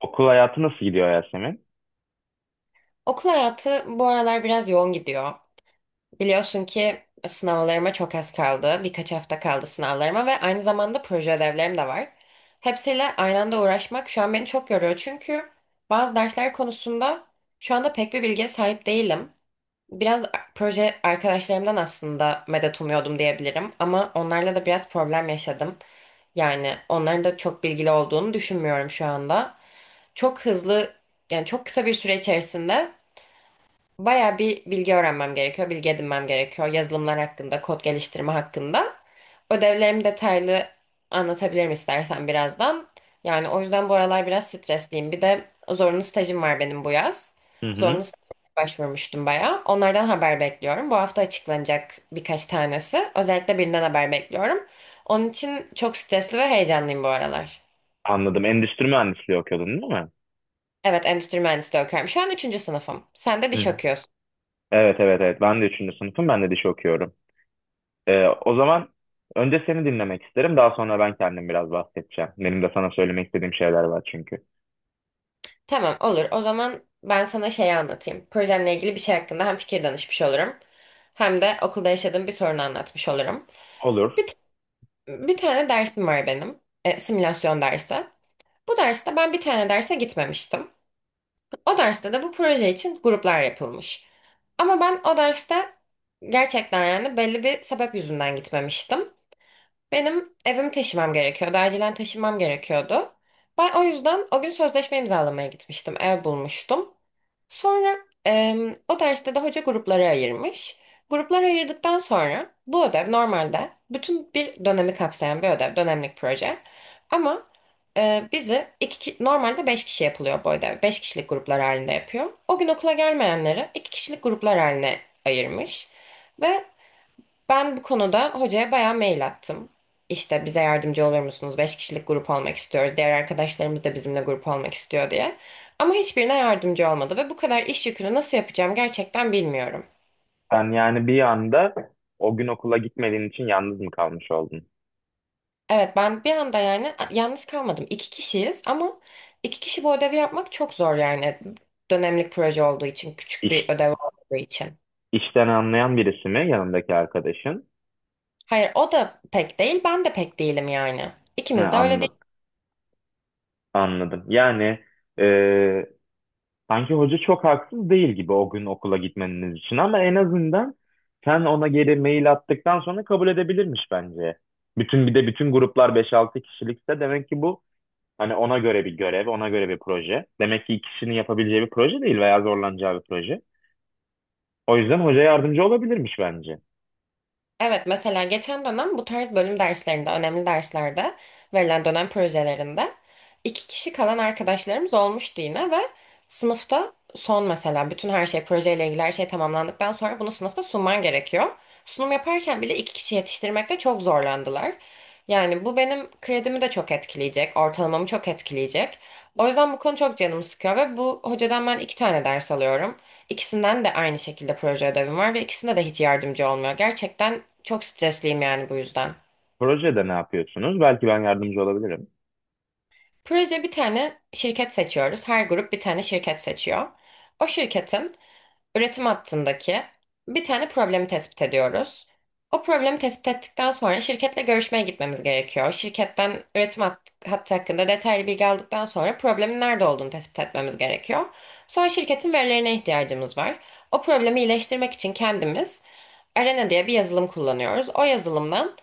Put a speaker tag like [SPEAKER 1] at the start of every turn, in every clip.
[SPEAKER 1] Okul hayatı nasıl gidiyor Yasemin?
[SPEAKER 2] Okul hayatı bu aralar biraz yoğun gidiyor. Biliyorsun ki sınavlarıma çok az kaldı. Birkaç hafta kaldı sınavlarıma ve aynı zamanda proje ödevlerim de var. Hepsiyle aynı anda uğraşmak şu an beni çok yoruyor. Çünkü bazı dersler konusunda şu anda pek bir bilgiye sahip değilim. Biraz proje arkadaşlarımdan aslında medet umuyordum diyebilirim. Ama onlarla da biraz problem yaşadım. Yani onların da çok bilgili olduğunu düşünmüyorum şu anda. Çok hızlı, yani çok kısa bir süre içerisinde bayağı bir bilgi öğrenmem gerekiyor, bilgi edinmem gerekiyor. Yazılımlar hakkında, kod geliştirme hakkında. Ödevlerimi detaylı anlatabilirim istersen birazdan. Yani o yüzden bu aralar biraz stresliyim. Bir de zorunlu stajım var benim bu yaz.
[SPEAKER 1] Hı hı.
[SPEAKER 2] Zorunlu staja başvurmuştum bayağı. Onlardan haber bekliyorum. Bu hafta açıklanacak birkaç tanesi. Özellikle birinden haber bekliyorum. Onun için çok stresli ve heyecanlıyım bu aralar.
[SPEAKER 1] Anladım. Endüstri mühendisliği okuyordun değil mi?
[SPEAKER 2] Evet, endüstri mühendisliği okuyorum. Şu an üçüncü sınıfım. Sen de
[SPEAKER 1] Hı
[SPEAKER 2] diş
[SPEAKER 1] hı.
[SPEAKER 2] okuyorsun.
[SPEAKER 1] Evet, evet, evet. Ben de 3. sınıfım. Ben de dişi okuyorum. O zaman önce seni dinlemek isterim. Daha sonra ben kendim biraz bahsedeceğim. Benim de sana söylemek istediğim şeyler var çünkü.
[SPEAKER 2] Tamam, olur. O zaman ben sana şeyi anlatayım. Projemle ilgili bir şey hakkında hem fikir danışmış olurum. Hem de okulda yaşadığım bir sorunu anlatmış olurum.
[SPEAKER 1] Olur.
[SPEAKER 2] Bir, t- Bir tane dersim var benim. Simülasyon dersi. Bu derste ben bir tane derse gitmemiştim. O derste de bu proje için gruplar yapılmış. Ama ben o derste gerçekten yani belli bir sebep yüzünden gitmemiştim. Benim evimi taşımam gerekiyordu. Acilen taşımam gerekiyordu. Ben o yüzden o gün sözleşme imzalamaya gitmiştim. Ev bulmuştum. Sonra o derste de hoca gruplara ayırmış. Gruplara ayırdıktan sonra bu ödev normalde bütün bir dönemi kapsayan bir ödev, dönemlik proje. Ama bizi, normalde beş kişi yapılıyor bu ödev. Beş kişilik gruplar halinde yapıyor. O gün okula gelmeyenleri iki kişilik gruplar haline ayırmış. Ve ben bu konuda hocaya bayağı mail attım. İşte bize yardımcı olur musunuz? Beş kişilik grup olmak istiyoruz. Diğer arkadaşlarımız da bizimle grup olmak istiyor diye. Ama hiçbirine yardımcı olmadı ve bu kadar iş yükünü nasıl yapacağım gerçekten bilmiyorum.
[SPEAKER 1] Sen yani bir anda o gün okula gitmediğin için yalnız mı kalmış oldun?
[SPEAKER 2] Evet, ben bir anda yani yalnız kalmadım. İki kişiyiz ama iki kişi bu ödevi yapmak çok zor yani. Dönemlik proje olduğu için, küçük bir
[SPEAKER 1] İş,
[SPEAKER 2] ödev olduğu için.
[SPEAKER 1] işten anlayan birisi mi yanındaki arkadaşın?
[SPEAKER 2] Hayır, o da pek değil, ben de pek değilim yani.
[SPEAKER 1] Ha,
[SPEAKER 2] İkimiz de öyle.
[SPEAKER 1] anladım. Anladım. E, Sanki hoca çok haksız değil gibi o gün okula gitmeniz için, ama en azından sen ona geri mail attıktan sonra kabul edebilirmiş bence. Bütün bir de Bütün gruplar beş altı kişilikse, demek ki bu hani ona göre bir görev, ona göre bir proje. Demek ki iki kişinin yapabileceği bir proje değil veya zorlanacağı bir proje. O yüzden hoca yardımcı olabilirmiş bence.
[SPEAKER 2] Evet, mesela geçen dönem bu tarz bölüm derslerinde, önemli derslerde verilen dönem projelerinde iki kişi kalan arkadaşlarımız olmuştu yine ve sınıfta son mesela bütün her şey projeyle ilgili her şey tamamlandıktan sonra bunu sınıfta sunman gerekiyor. Sunum yaparken bile iki kişi yetiştirmekte çok zorlandılar. Yani bu benim kredimi de çok etkileyecek, ortalamamı çok etkileyecek. O yüzden bu konu çok canımı sıkıyor ve bu hocadan ben iki tane ders alıyorum. İkisinden de aynı şekilde proje ödevim var ve ikisinde de hiç yardımcı olmuyor. Gerçekten çok stresliyim yani bu yüzden.
[SPEAKER 1] Projede ne yapıyorsunuz? Belki ben yardımcı olabilirim.
[SPEAKER 2] Proje, bir tane şirket seçiyoruz. Her grup bir tane şirket seçiyor. O şirketin üretim hattındaki bir tane problemi tespit ediyoruz. O problemi tespit ettikten sonra şirketle görüşmeye gitmemiz gerekiyor. Şirketten üretim hattı hakkında detaylı bilgi aldıktan sonra problemin nerede olduğunu tespit etmemiz gerekiyor. Sonra şirketin verilerine ihtiyacımız var. O problemi iyileştirmek için kendimiz Arena diye bir yazılım kullanıyoruz. O yazılımdan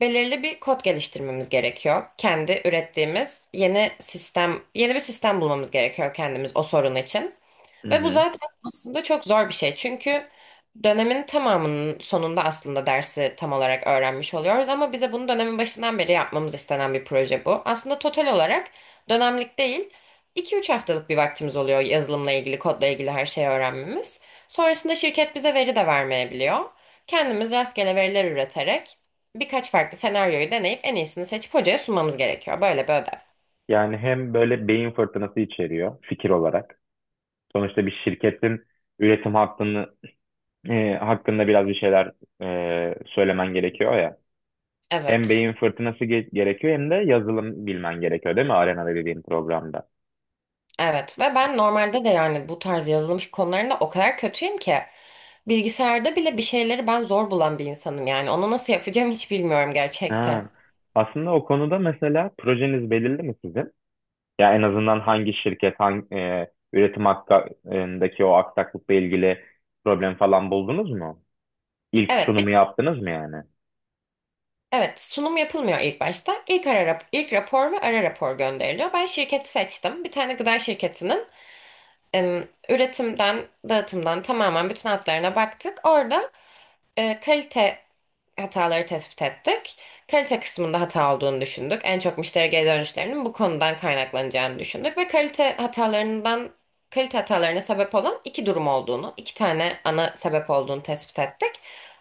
[SPEAKER 2] belirli bir kod geliştirmemiz gerekiyor. Kendi ürettiğimiz yeni sistem, yeni bir sistem bulmamız gerekiyor kendimiz o sorun için.
[SPEAKER 1] Hı
[SPEAKER 2] Ve bu
[SPEAKER 1] hı.
[SPEAKER 2] zaten aslında çok zor bir şey. Çünkü dönemin tamamının sonunda aslında dersi tam olarak öğrenmiş oluyoruz. Ama bize bunu dönemin başından beri yapmamız istenen bir proje bu. Aslında total olarak dönemlik değil, iki üç haftalık bir vaktimiz oluyor yazılımla ilgili, kodla ilgili her şeyi öğrenmemiz. Sonrasında şirket bize veri de vermeyebiliyor. Kendimiz rastgele veriler üreterek birkaç farklı senaryoyu deneyip en iyisini seçip hocaya sunmamız gerekiyor. Böyle bir ödev.
[SPEAKER 1] Yani hem böyle beyin fırtınası içeriyor fikir olarak. Sonuçta bir şirketin üretim hattını hakkında biraz bir şeyler söylemen gerekiyor ya. Hem
[SPEAKER 2] Evet.
[SPEAKER 1] beyin fırtınası gerekiyor, hem de yazılım bilmen gerekiyor değil mi? Arena'da, dediğim programda.
[SPEAKER 2] Evet ve ben normalde de yani bu tarz yazılım konularında o kadar kötüyüm ki bilgisayarda bile bir şeyleri ben zor bulan bir insanım yani onu nasıl yapacağım hiç bilmiyorum gerçekten.
[SPEAKER 1] Ha. Aslında o konuda, mesela projeniz belirli mi sizin? Ya en azından hangi şirket, hangi üretim hakkındaki o aksaklıkla ilgili problem falan buldunuz mu? İlk
[SPEAKER 2] Evet, bir,
[SPEAKER 1] sunumu yaptınız mı yani?
[SPEAKER 2] evet, sunum yapılmıyor ilk başta. İlk ara ilk rapor ve ara rapor gönderiliyor. Ben şirketi seçtim. Bir tane gıda şirketinin em, üretimden, dağıtımdan tamamen bütün hatlarına baktık. Orada kalite hataları tespit ettik. Kalite kısmında hata olduğunu düşündük. En çok müşteri geri dönüşlerinin bu konudan kaynaklanacağını düşündük ve kalite hatalarından kalite hatalarına sebep olan iki durum olduğunu, iki tane ana sebep olduğunu tespit ettik.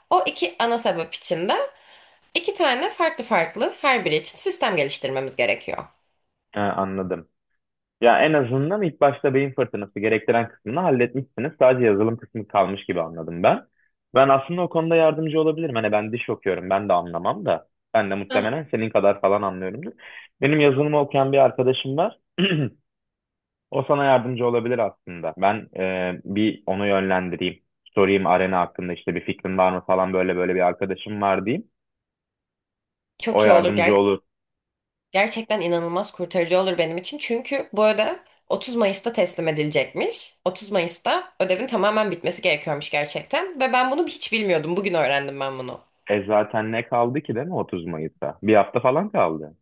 [SPEAKER 2] O iki ana sebep için de iki tane farklı farklı her biri için sistem geliştirmemiz gerekiyor.
[SPEAKER 1] Ha, anladım. Ya en azından ilk başta beyin fırtınası gerektiren kısmını halletmişsiniz. Sadece yazılım kısmı kalmış gibi anladım ben. Ben aslında o konuda yardımcı olabilirim. Hani ben diş okuyorum, ben de anlamam da. Ben de
[SPEAKER 2] Heh.
[SPEAKER 1] muhtemelen senin kadar falan anlıyorumdur. Benim yazılımı okuyan bir arkadaşım var. O sana yardımcı olabilir aslında. Ben bir onu yönlendireyim. Sorayım arena hakkında, işte bir fikrin var mı falan, böyle böyle bir arkadaşım var diyeyim. O
[SPEAKER 2] Çok iyi olur.
[SPEAKER 1] yardımcı olur.
[SPEAKER 2] Gerçekten inanılmaz kurtarıcı olur benim için. Çünkü bu ödev 30 Mayıs'ta teslim edilecekmiş. 30 Mayıs'ta ödevin tamamen bitmesi gerekiyormuş gerçekten. Ve ben bunu hiç bilmiyordum. Bugün öğrendim ben bunu.
[SPEAKER 1] E zaten ne kaldı ki değil mi 30 Mayıs'a? Bir hafta falan kaldı.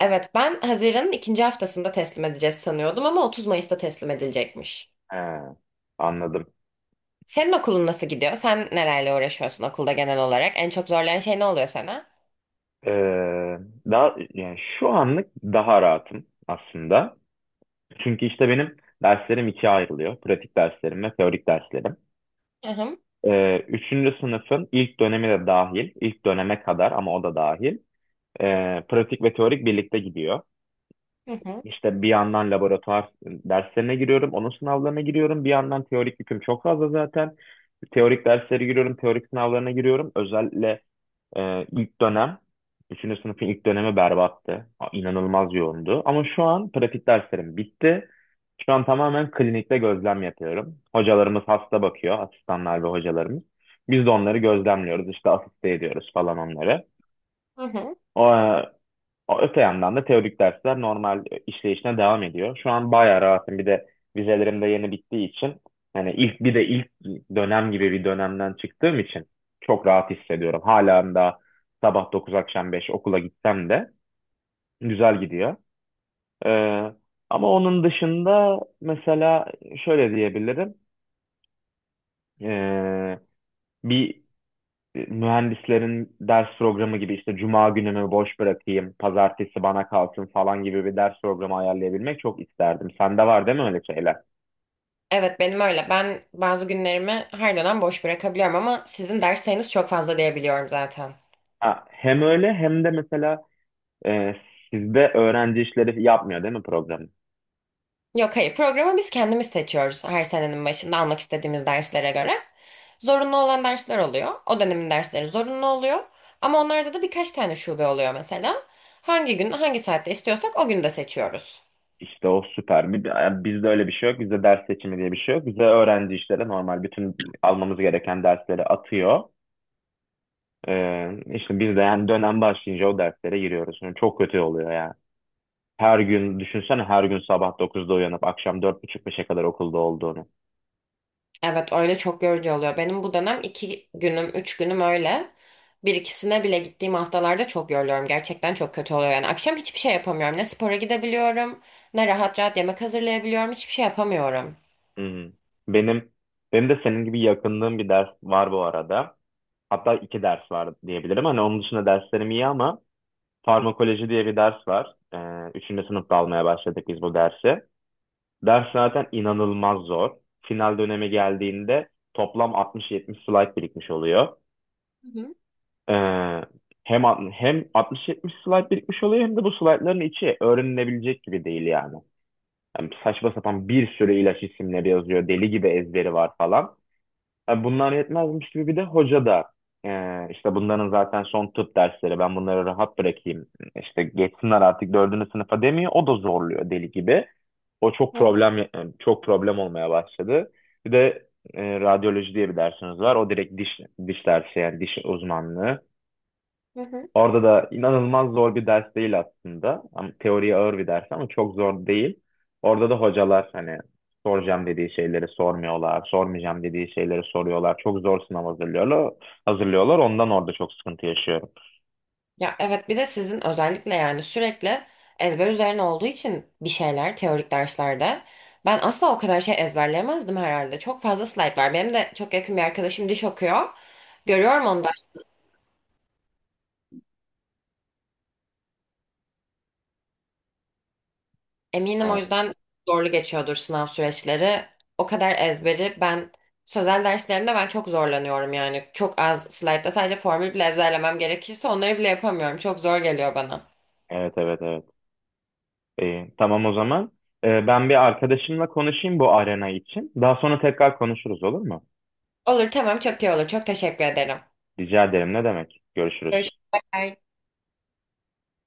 [SPEAKER 2] Evet, ben Haziran'ın ikinci haftasında teslim edeceğiz sanıyordum ama 30 Mayıs'ta teslim edilecekmiş.
[SPEAKER 1] He, anladım.
[SPEAKER 2] Senin okulun nasıl gidiyor? Sen nelerle uğraşıyorsun okulda genel olarak? En çok zorlayan şey ne oluyor sana?
[SPEAKER 1] Ee, Daha yani şu anlık daha rahatım aslında. Çünkü işte benim derslerim ikiye ayrılıyor. Pratik derslerim ve teorik derslerim.
[SPEAKER 2] Hı hı.
[SPEAKER 1] Üçüncü sınıfın ilk dönemi de dahil, ilk döneme kadar ama o da dahil, pratik ve teorik birlikte gidiyor.
[SPEAKER 2] Hı hı.
[SPEAKER 1] İşte bir yandan laboratuvar derslerine giriyorum, onun sınavlarına giriyorum. Bir yandan teorik yüküm çok fazla zaten. Teorik derslere giriyorum, teorik sınavlarına giriyorum. Özel Ee, ilk dönem, üçüncü sınıfın ilk dönemi berbattı. İnanılmaz yoğundu. Ama şu an pratik derslerim bitti. Şu an tamamen klinikte gözlem yapıyorum. Hocalarımız hasta bakıyor, asistanlar ve hocalarımız. Biz de onları gözlemliyoruz, işte asiste ediyoruz falan onları.
[SPEAKER 2] Hı hı.
[SPEAKER 1] O, Öte yandan da teorik dersler normal işleyişine devam ediyor. Şu an bayağı rahatım. Bir de vizelerim de yeni bittiği için, ilk dönem gibi bir dönemden çıktığım için çok rahat hissediyorum. Hala da sabah 9 akşam 5 okula gitsem de güzel gidiyor. Ee, Ama onun dışında mesela şöyle diyebilirim. Ee, bir Mühendislerin ders programı gibi, işte cuma günümü boş bırakayım, pazartesi bana kalsın falan gibi bir ders programı ayarlayabilmek çok isterdim. Sende var değil mi öyle şeyler?
[SPEAKER 2] Evet, benim öyle. Ben bazı günlerimi her dönem boş bırakabiliyorum ama sizin ders sayınız çok fazla diyebiliyorum zaten.
[SPEAKER 1] Ha, hem öyle hem de mesela e, sizde öğrenci işleri yapmıyor değil mi programı?
[SPEAKER 2] Yok, hayır, programı biz kendimiz seçiyoruz her senenin başında almak istediğimiz derslere göre. Zorunlu olan dersler oluyor. O dönemin dersleri zorunlu oluyor. Ama onlarda da birkaç tane şube oluyor mesela. Hangi gün hangi saatte istiyorsak o günü de seçiyoruz.
[SPEAKER 1] İşte o süper. Bizde öyle bir şey yok. Bizde ders seçimi diye bir şey yok. Bizde öğrenci işleri normal bütün almamız gereken dersleri atıyor. İşte biz de yani dönem başlayınca o derslere giriyoruz. Yani çok kötü oluyor yani. Her gün düşünsene, her gün sabah dokuzda uyanıp akşam dört buçuk beşe kadar okulda olduğunu.
[SPEAKER 2] Evet, öyle çok yorucu oluyor. Benim bu dönem iki günüm, üç günüm öyle. Bir ikisine bile gittiğim haftalarda çok yoruluyorum. Gerçekten çok kötü oluyor. Yani akşam hiçbir şey yapamıyorum. Ne spora gidebiliyorum, ne rahat rahat yemek hazırlayabiliyorum. Hiçbir şey yapamıyorum.
[SPEAKER 1] Hı hı. Benim benim de senin gibi yakındığım bir ders var bu arada. Hatta iki ders var diyebilirim. Hani onun dışında derslerim iyi, ama farmakoloji diye bir ders var. Üçüncü sınıfta almaya başladık biz bu dersi. Ders zaten inanılmaz zor. Final dönemi geldiğinde toplam altmış 70 slide birikmiş oluyor.
[SPEAKER 2] Hı hı.
[SPEAKER 1] Ee, hem hem 60-70 slide birikmiş oluyor, hem de bu slaytların içi öğrenilebilecek gibi değil yani. Yani saçma sapan bir sürü ilaç isimleri yazıyor. Deli gibi ezberi var falan. Yani bunlar yetmezmiş gibi bir de hoca da işte bunların zaten son tıp dersleri, ben bunları rahat bırakayım, işte geçsinler artık dördüncü sınıfa demiyor. O da zorluyor deli gibi. O çok
[SPEAKER 2] Hı hı.
[SPEAKER 1] problem e, Çok problem olmaya başladı. Bir de radyoloji diye bir dersimiz var. O direkt diş dersi, yani diş uzmanlığı.
[SPEAKER 2] Hı hı.
[SPEAKER 1] Orada da inanılmaz zor bir ders değil aslında. Ama teoriye ağır bir ders, ama çok zor değil. Orada da hocalar hani soracağım dediği şeyleri sormuyorlar, sormayacağım dediği şeyleri soruyorlar. Çok zor sınav hazırlıyorlar. Ondan orada çok sıkıntı yaşıyorum.
[SPEAKER 2] Ya evet, bir de sizin özellikle yani sürekli ezber üzerine olduğu için bir şeyler teorik derslerde. Ben asla o kadar şey ezberleyemezdim herhalde. Çok fazla slide var. Benim de çok yakın bir arkadaşım diş okuyor. Görüyorum onu da. Eminim o
[SPEAKER 1] Ha,
[SPEAKER 2] yüzden zorlu geçiyordur sınav süreçleri. O kadar ezberi ben sözel derslerimde ben çok zorlanıyorum yani. Çok az slide'da sadece formül bile ezberlemem gerekirse onları bile yapamıyorum. Çok zor geliyor bana.
[SPEAKER 1] evet, evet, evet. İyi, tamam o zaman. Ben bir arkadaşımla konuşayım bu arena için. Daha sonra tekrar konuşuruz, olur mu?
[SPEAKER 2] Olur, tamam, çok iyi olur. Çok teşekkür ederim.
[SPEAKER 1] Rica ederim. Ne demek? Görüşürüz.
[SPEAKER 2] Görüşmek üzere.